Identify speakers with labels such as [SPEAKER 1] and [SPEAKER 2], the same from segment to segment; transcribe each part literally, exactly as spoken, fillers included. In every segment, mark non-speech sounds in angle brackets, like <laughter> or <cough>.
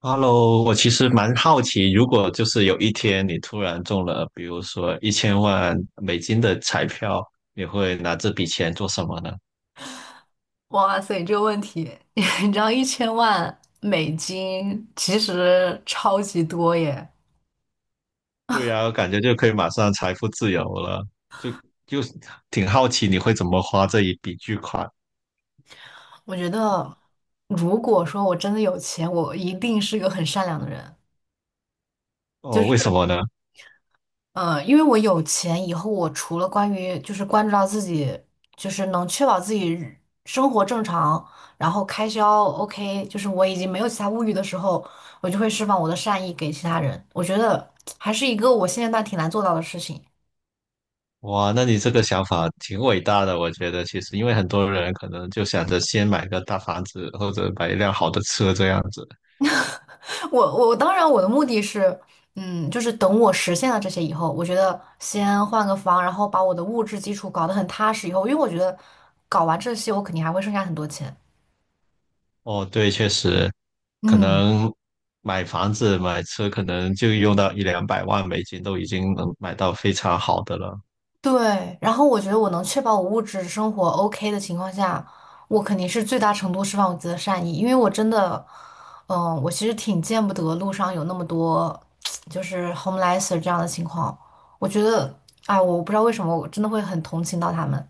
[SPEAKER 1] Hello，我其实蛮好奇，如果就是有一天你突然中了，比如说一千万美金的彩票，你会拿这笔钱做什么呢？
[SPEAKER 2] 哇塞，这个问题，<laughs> 你知道一千万美金其实超级多耶。
[SPEAKER 1] 对呀，我感觉就可以马上财富自由了，就就挺好奇你会怎么花这一笔巨款。
[SPEAKER 2] 我觉得，如果说我真的有钱，我一定是个很善良的人。就
[SPEAKER 1] 哦？为什
[SPEAKER 2] 是，
[SPEAKER 1] 么呢？
[SPEAKER 2] 呃，因为我有钱以后，我除了关于就是关注到自己，就是能确保自己日生活正常，然后开销 OK，就是我已经没有其他物欲的时候，我就会释放我的善意给其他人。我觉得还是一个我现阶段挺难做到的事情。
[SPEAKER 1] 哇，那你这个想法挺伟大的，我觉得其实因为很多人可能就想着先买个大房子或者买一辆好的车这样子。
[SPEAKER 2] <laughs> 我我当然我的目的是，嗯，就是等我实现了这些以后，我觉得先换个房，然后把我的物质基础搞得很踏实以后，因为我觉得搞完这些，我肯定还会剩下很多钱。
[SPEAKER 1] 哦，对，确实，可
[SPEAKER 2] 嗯，
[SPEAKER 1] 能买房子、买车，可能就用到一两百万美金，都已经能买到非常好的了。
[SPEAKER 2] 对，然后我觉得我能确保我物质生活 OK 的情况下，我肯定是最大程度释放我自己的善意，因为我真的，嗯，我其实挺见不得路上有那么多 <tsk> 就是 homeless 这样的情况，我觉得，哎，我不知道为什么，我真的会很同情到他们。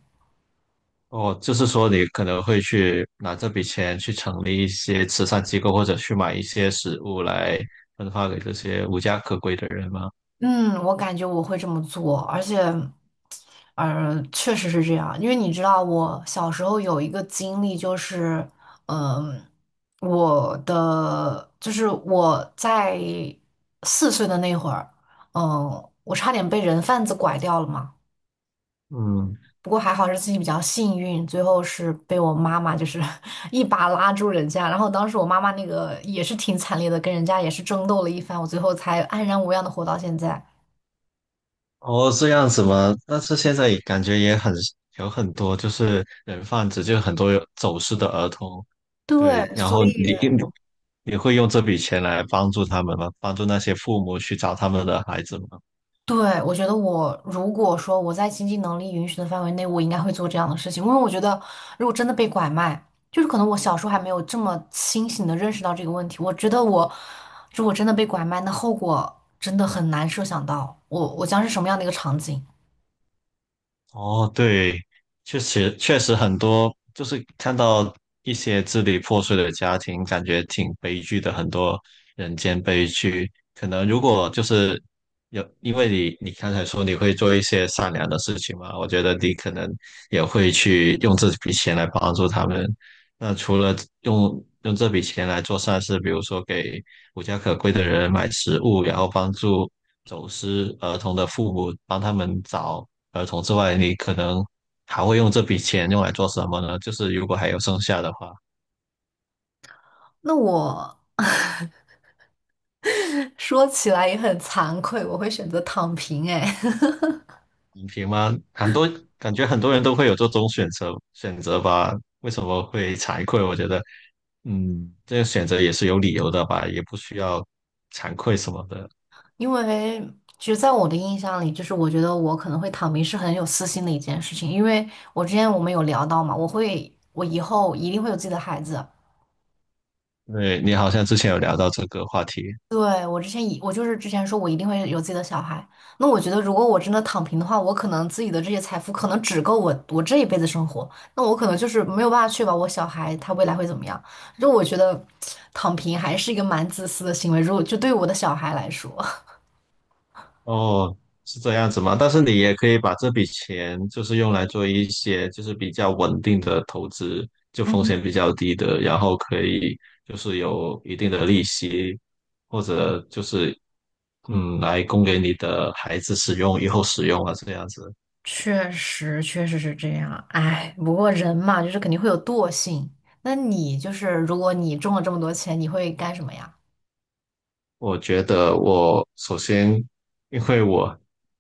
[SPEAKER 1] 哦，就是说你可能会去拿这笔钱去成立一些慈善机构，或者去买一些食物来分发给这些无家可归的人吗？
[SPEAKER 2] 嗯，我感觉我会这么做，而且，呃，确实是这样，因为你知道，我小时候有一个经历，就是，嗯、我的就是我在四岁的那会儿，嗯、我差点被人贩子拐掉了嘛，
[SPEAKER 1] 嗯，
[SPEAKER 2] 不过还好是自己比较幸运，最后是被我妈妈就是 <laughs> 一把拉住人家，然后当时我妈妈那个也是挺惨烈的，跟人家也是争斗了一番，我最后才安然无恙的活到现在。
[SPEAKER 1] 哦，这样子吗？但是现在也感觉也很有很多就是人贩子，就很多有走失的儿童。
[SPEAKER 2] 对，
[SPEAKER 1] 对，然
[SPEAKER 2] 所
[SPEAKER 1] 后
[SPEAKER 2] 以。
[SPEAKER 1] 你一你会用这笔钱来帮助他们吗？帮助那些父母去找他们的孩子吗？
[SPEAKER 2] 对，我觉得我如果说我在经济能力允许的范围内，我应该会做这样的事情，因为我觉得如果真的被拐卖，就是可能我小时候还没有这么清醒的认识到这个问题。我觉得我如果真的被拐卖，那后果真的很难设想到，我我将是什么样的一个场景。
[SPEAKER 1] 哦，对，确实确实很多，就是看到一些支离破碎的家庭，感觉挺悲剧的，很多人间悲剧。可能如果就是有，因为你你刚才说你会做一些善良的事情嘛，我觉得你可能也会去用这笔钱来帮助他们。那除了用用这笔钱来做善事，比如说给无家可归的人买食物，然后帮助走失儿童的父母，帮他们找。儿童之外，你可能还会用这笔钱用来做什么呢？就是如果还有剩下的话，
[SPEAKER 2] 那我 <laughs> 说起来也很惭愧，我会选择躺平，哎。<laughs>
[SPEAKER 1] 影平吗？很多感觉很多人都会有这种选择选择吧？为什么会惭愧？我觉得，嗯，这个选择也是有理由的吧，也不需要惭愧什么的。
[SPEAKER 2] 因为其实在我的印象里，就是我觉得我可能会躺平是很有私心的一件事情，因为我之前我们有聊到嘛，我会我以后一定会有自己的孩子。
[SPEAKER 1] 对，你好像之前有聊到这个话题。
[SPEAKER 2] 对，我之前以我就是之前说我一定会有自己的小孩，那我觉得如果我真的躺平的话，我可能自己的这些财富可能只够我我这一辈子生活，那我可能就是没有办法确保我小孩他未来会怎么样。就我觉得躺平还是一个蛮自私的行为，如果就对我的小孩来说。
[SPEAKER 1] 哦，是这样子吗？但是你也可以把这笔钱就是用来做一些就是比较稳定的投资，就风险比较低的，然后可以就是有一定的利息，或者就是嗯来供给你的孩子使用，以后使用啊这样子。
[SPEAKER 2] 确实，确实是这样。哎，不过人嘛，就是肯定会有惰性。那你就是，如果你中了这么多钱，你会干什么呀？
[SPEAKER 1] 我觉得我首先，因为我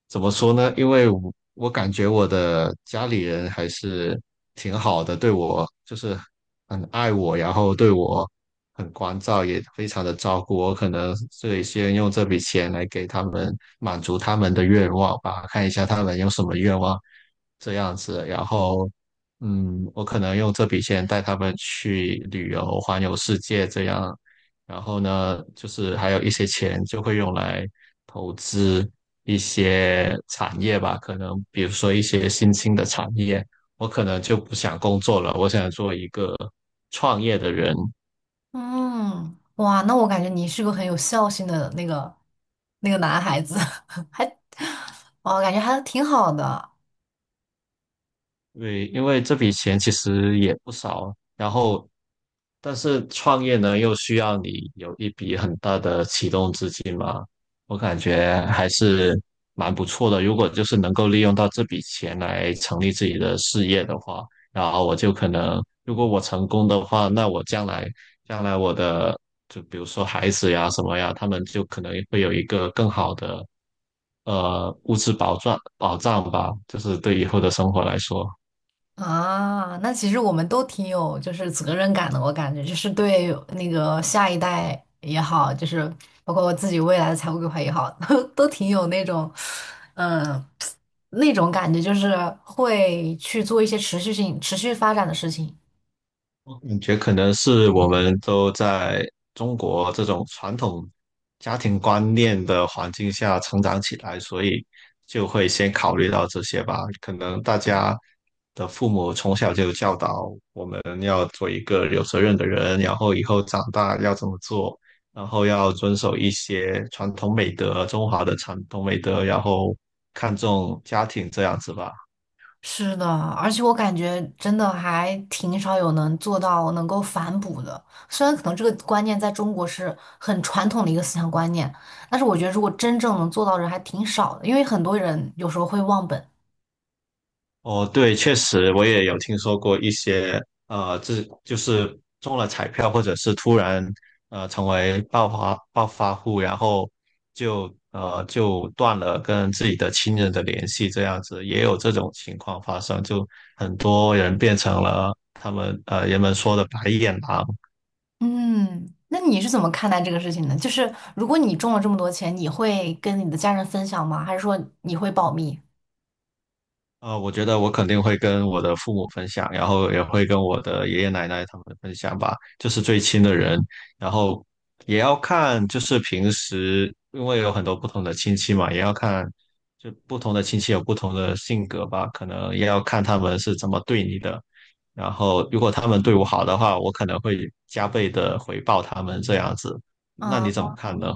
[SPEAKER 1] 怎么说呢？因为我我感觉我的家里人还是挺好的，对我就是很爱我，然后对我很关照，也非常的照顾我。可能是先用这笔钱来给他们满足他们的愿望吧，看一下他们有什么愿望，这样子，然后，嗯，我可能用这笔钱带他们去旅游，环游世界这样，然后呢，就是还有一些钱就会用来投资一些产业吧，可能比如说一些新兴的产业，我可能就不想工作了，我想做一个创业的人，
[SPEAKER 2] 嗯，哇，那我感觉你是个很有孝心的那个那个男孩子，<laughs> 还，哦，感觉还挺好的。
[SPEAKER 1] 对，因为这笔钱其实也不少，然后，但是创业呢，又需要你有一笔很大的启动资金嘛，我感觉还是蛮不错的。如果就是能够利用到这笔钱来成立自己的事业的话，然后我就可能，如果我成功的话，那我将来，将来我的，就比如说孩子呀什么呀，他们就可能会有一个更好的，呃，物质保障保障吧，就是对以后的生活来说。
[SPEAKER 2] 啊，那其实我们都挺有就是责任感的，我感觉就是对那个下一代也好，就是包括我自己未来的财务规划也好，都都挺有那种，嗯，那种感觉，就是会去做一些持续性、持续发展的事情。
[SPEAKER 1] 感觉可能是我们都在中国这种传统家庭观念的环境下成长起来，所以就会先考虑到这些吧。可能大家的父母从小就教导我们要做一个有责任的人，然后以后长大要怎么做，然后要遵守一些传统美德，中华的传统美德，然后看重家庭这样子吧。
[SPEAKER 2] 是的，而且我感觉真的还挺少有能做到能够反哺的。虽然可能这个观念在中国是很传统的一个思想观念，但是我觉得如果真正能做到的人还挺少的，因为很多人有时候会忘本。
[SPEAKER 1] 哦，对，确实我也有听说过一些，呃，这就是中了彩票，或者是突然呃成为暴发暴发户，然后就呃就断了跟自己的亲人的联系，这样子也有这种情况发生，就很多人变成了他们呃人们说的白眼狼，
[SPEAKER 2] 嗯，那你是怎么看待这个事情的？就是如果你中了这么多钱，你会跟你的家人分享吗？还是说你会保密？
[SPEAKER 1] 啊，我觉得我肯定会跟我的父母分享，然后也会跟我的爷爷奶奶他们分享吧，就是最亲的人。然后也要看，就是平时因为有很多不同的亲戚嘛，也要看，就不同的亲戚有不同的性格吧，可能也要看他们是怎么对你的。然后如果他们对我好的话，我可能会加倍的回报他们这样子。那你
[SPEAKER 2] 嗯。
[SPEAKER 1] 怎么看呢？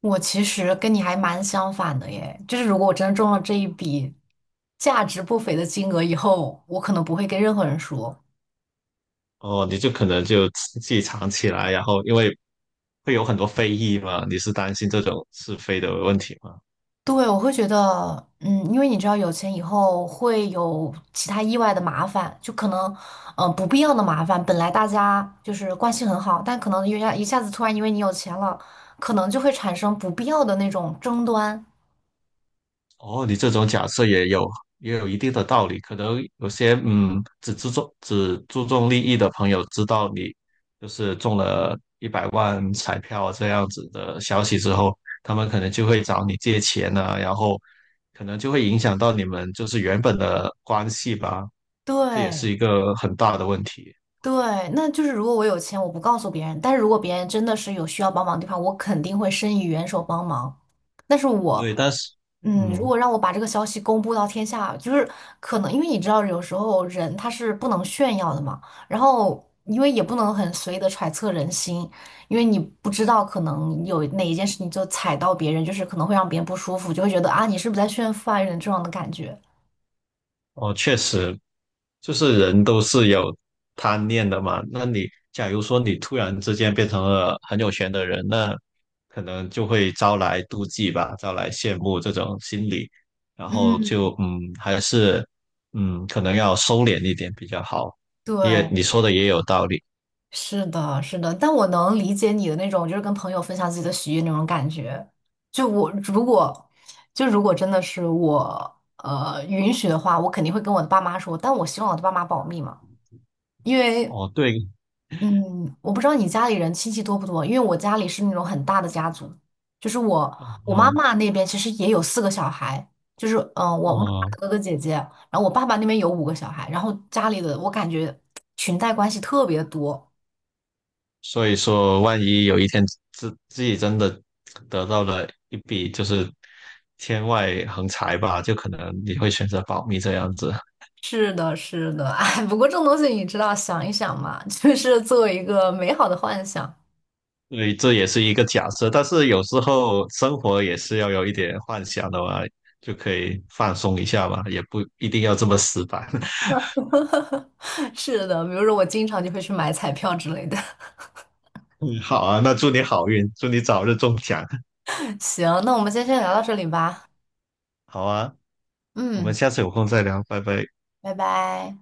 [SPEAKER 2] 我其实跟你还蛮相反的耶，就是如果我真的中了这一笔价值不菲的金额以后，我可能不会跟任何人说。
[SPEAKER 1] 哦，你就可能就自己藏起来，然后因为会有很多非议嘛，你是担心这种是非的问题吗？
[SPEAKER 2] 对，我会觉得，嗯，因为你知道有钱以后会有其他意外的麻烦，就可能，呃，不必要的麻烦。本来大家就是关系很好，但可能一下一下子突然因为你有钱了，可能就会产生不必要的那种争端。
[SPEAKER 1] 哦，你这种假设也有也有一定的道理，可能有些嗯只注重只注重利益的朋友知道你就是中了一百万彩票这样子的消息之后，他们可能就会找你借钱啊，然后可能就会影响到你们就是原本的关系吧，这也
[SPEAKER 2] 对，
[SPEAKER 1] 是一个很大的问题。
[SPEAKER 2] 对，那就是如果我有钱，我不告诉别人，但是如果别人真的是有需要帮忙的地方，我肯定会伸以援手帮忙。但是我，
[SPEAKER 1] 对，但是
[SPEAKER 2] 嗯，如
[SPEAKER 1] 嗯。
[SPEAKER 2] 果让我把这个消息公布到天下，就是可能因为你知道，有时候人他是不能炫耀的嘛，然后因为也不能很随意的揣测人心，因为你不知道可能有哪一件事情就踩到别人，就是可能会让别人不舒服，就会觉得啊，你是不是在炫富啊，有点这样的感觉。
[SPEAKER 1] 哦，确实，就是人都是有贪念的嘛。那你假如说你突然之间变成了很有钱的人，那可能就会招来妒忌吧，招来羡慕这种心理，然后
[SPEAKER 2] 嗯，
[SPEAKER 1] 就嗯，还是嗯，可能要收敛一点比较好。你也
[SPEAKER 2] 对，
[SPEAKER 1] 你说的也有道理。
[SPEAKER 2] 是的，是的，但我能理解你的那种，就是跟朋友分享自己的喜悦那种感觉。就我如果，就如果真的是我，呃，允许的话，我肯定会跟我的爸妈说，但我希望我的爸妈保密嘛，因为，
[SPEAKER 1] 哦，对，
[SPEAKER 2] 嗯，我不知道你家里人亲戚多不多，因为我家里是那种很大的家族，就是我我妈
[SPEAKER 1] 哦
[SPEAKER 2] 妈那边其实也有四个小孩，就是嗯、呃我妈妈
[SPEAKER 1] 哦。
[SPEAKER 2] 的哥哥姐姐，然后我爸爸那边有五个小孩，然后家里的我感觉裙带关系特别多。
[SPEAKER 1] 所以说，万一有一天自自己真的得到了一笔就是天外横财吧，就可能你会选择保密这样子。
[SPEAKER 2] 是的，是的，<laughs> 哎，不过这种东西你知道，想一想嘛，<laughs> 就是作为一个美好的幻想。
[SPEAKER 1] 所以这也是一个假设，但是有时候生活也是要有一点幻想的嘛，就可以放松一下嘛，也不一定要这么死板。<laughs>
[SPEAKER 2] <laughs> 是的，比如说我经常就会去买彩票之类的。
[SPEAKER 1] 嗯好啊，那祝你好运，祝你早日中奖。
[SPEAKER 2] <laughs> 行，那我们今天先聊到这里吧。
[SPEAKER 1] 好啊，我们
[SPEAKER 2] 嗯，
[SPEAKER 1] 下次有空再聊，拜拜。
[SPEAKER 2] 拜拜。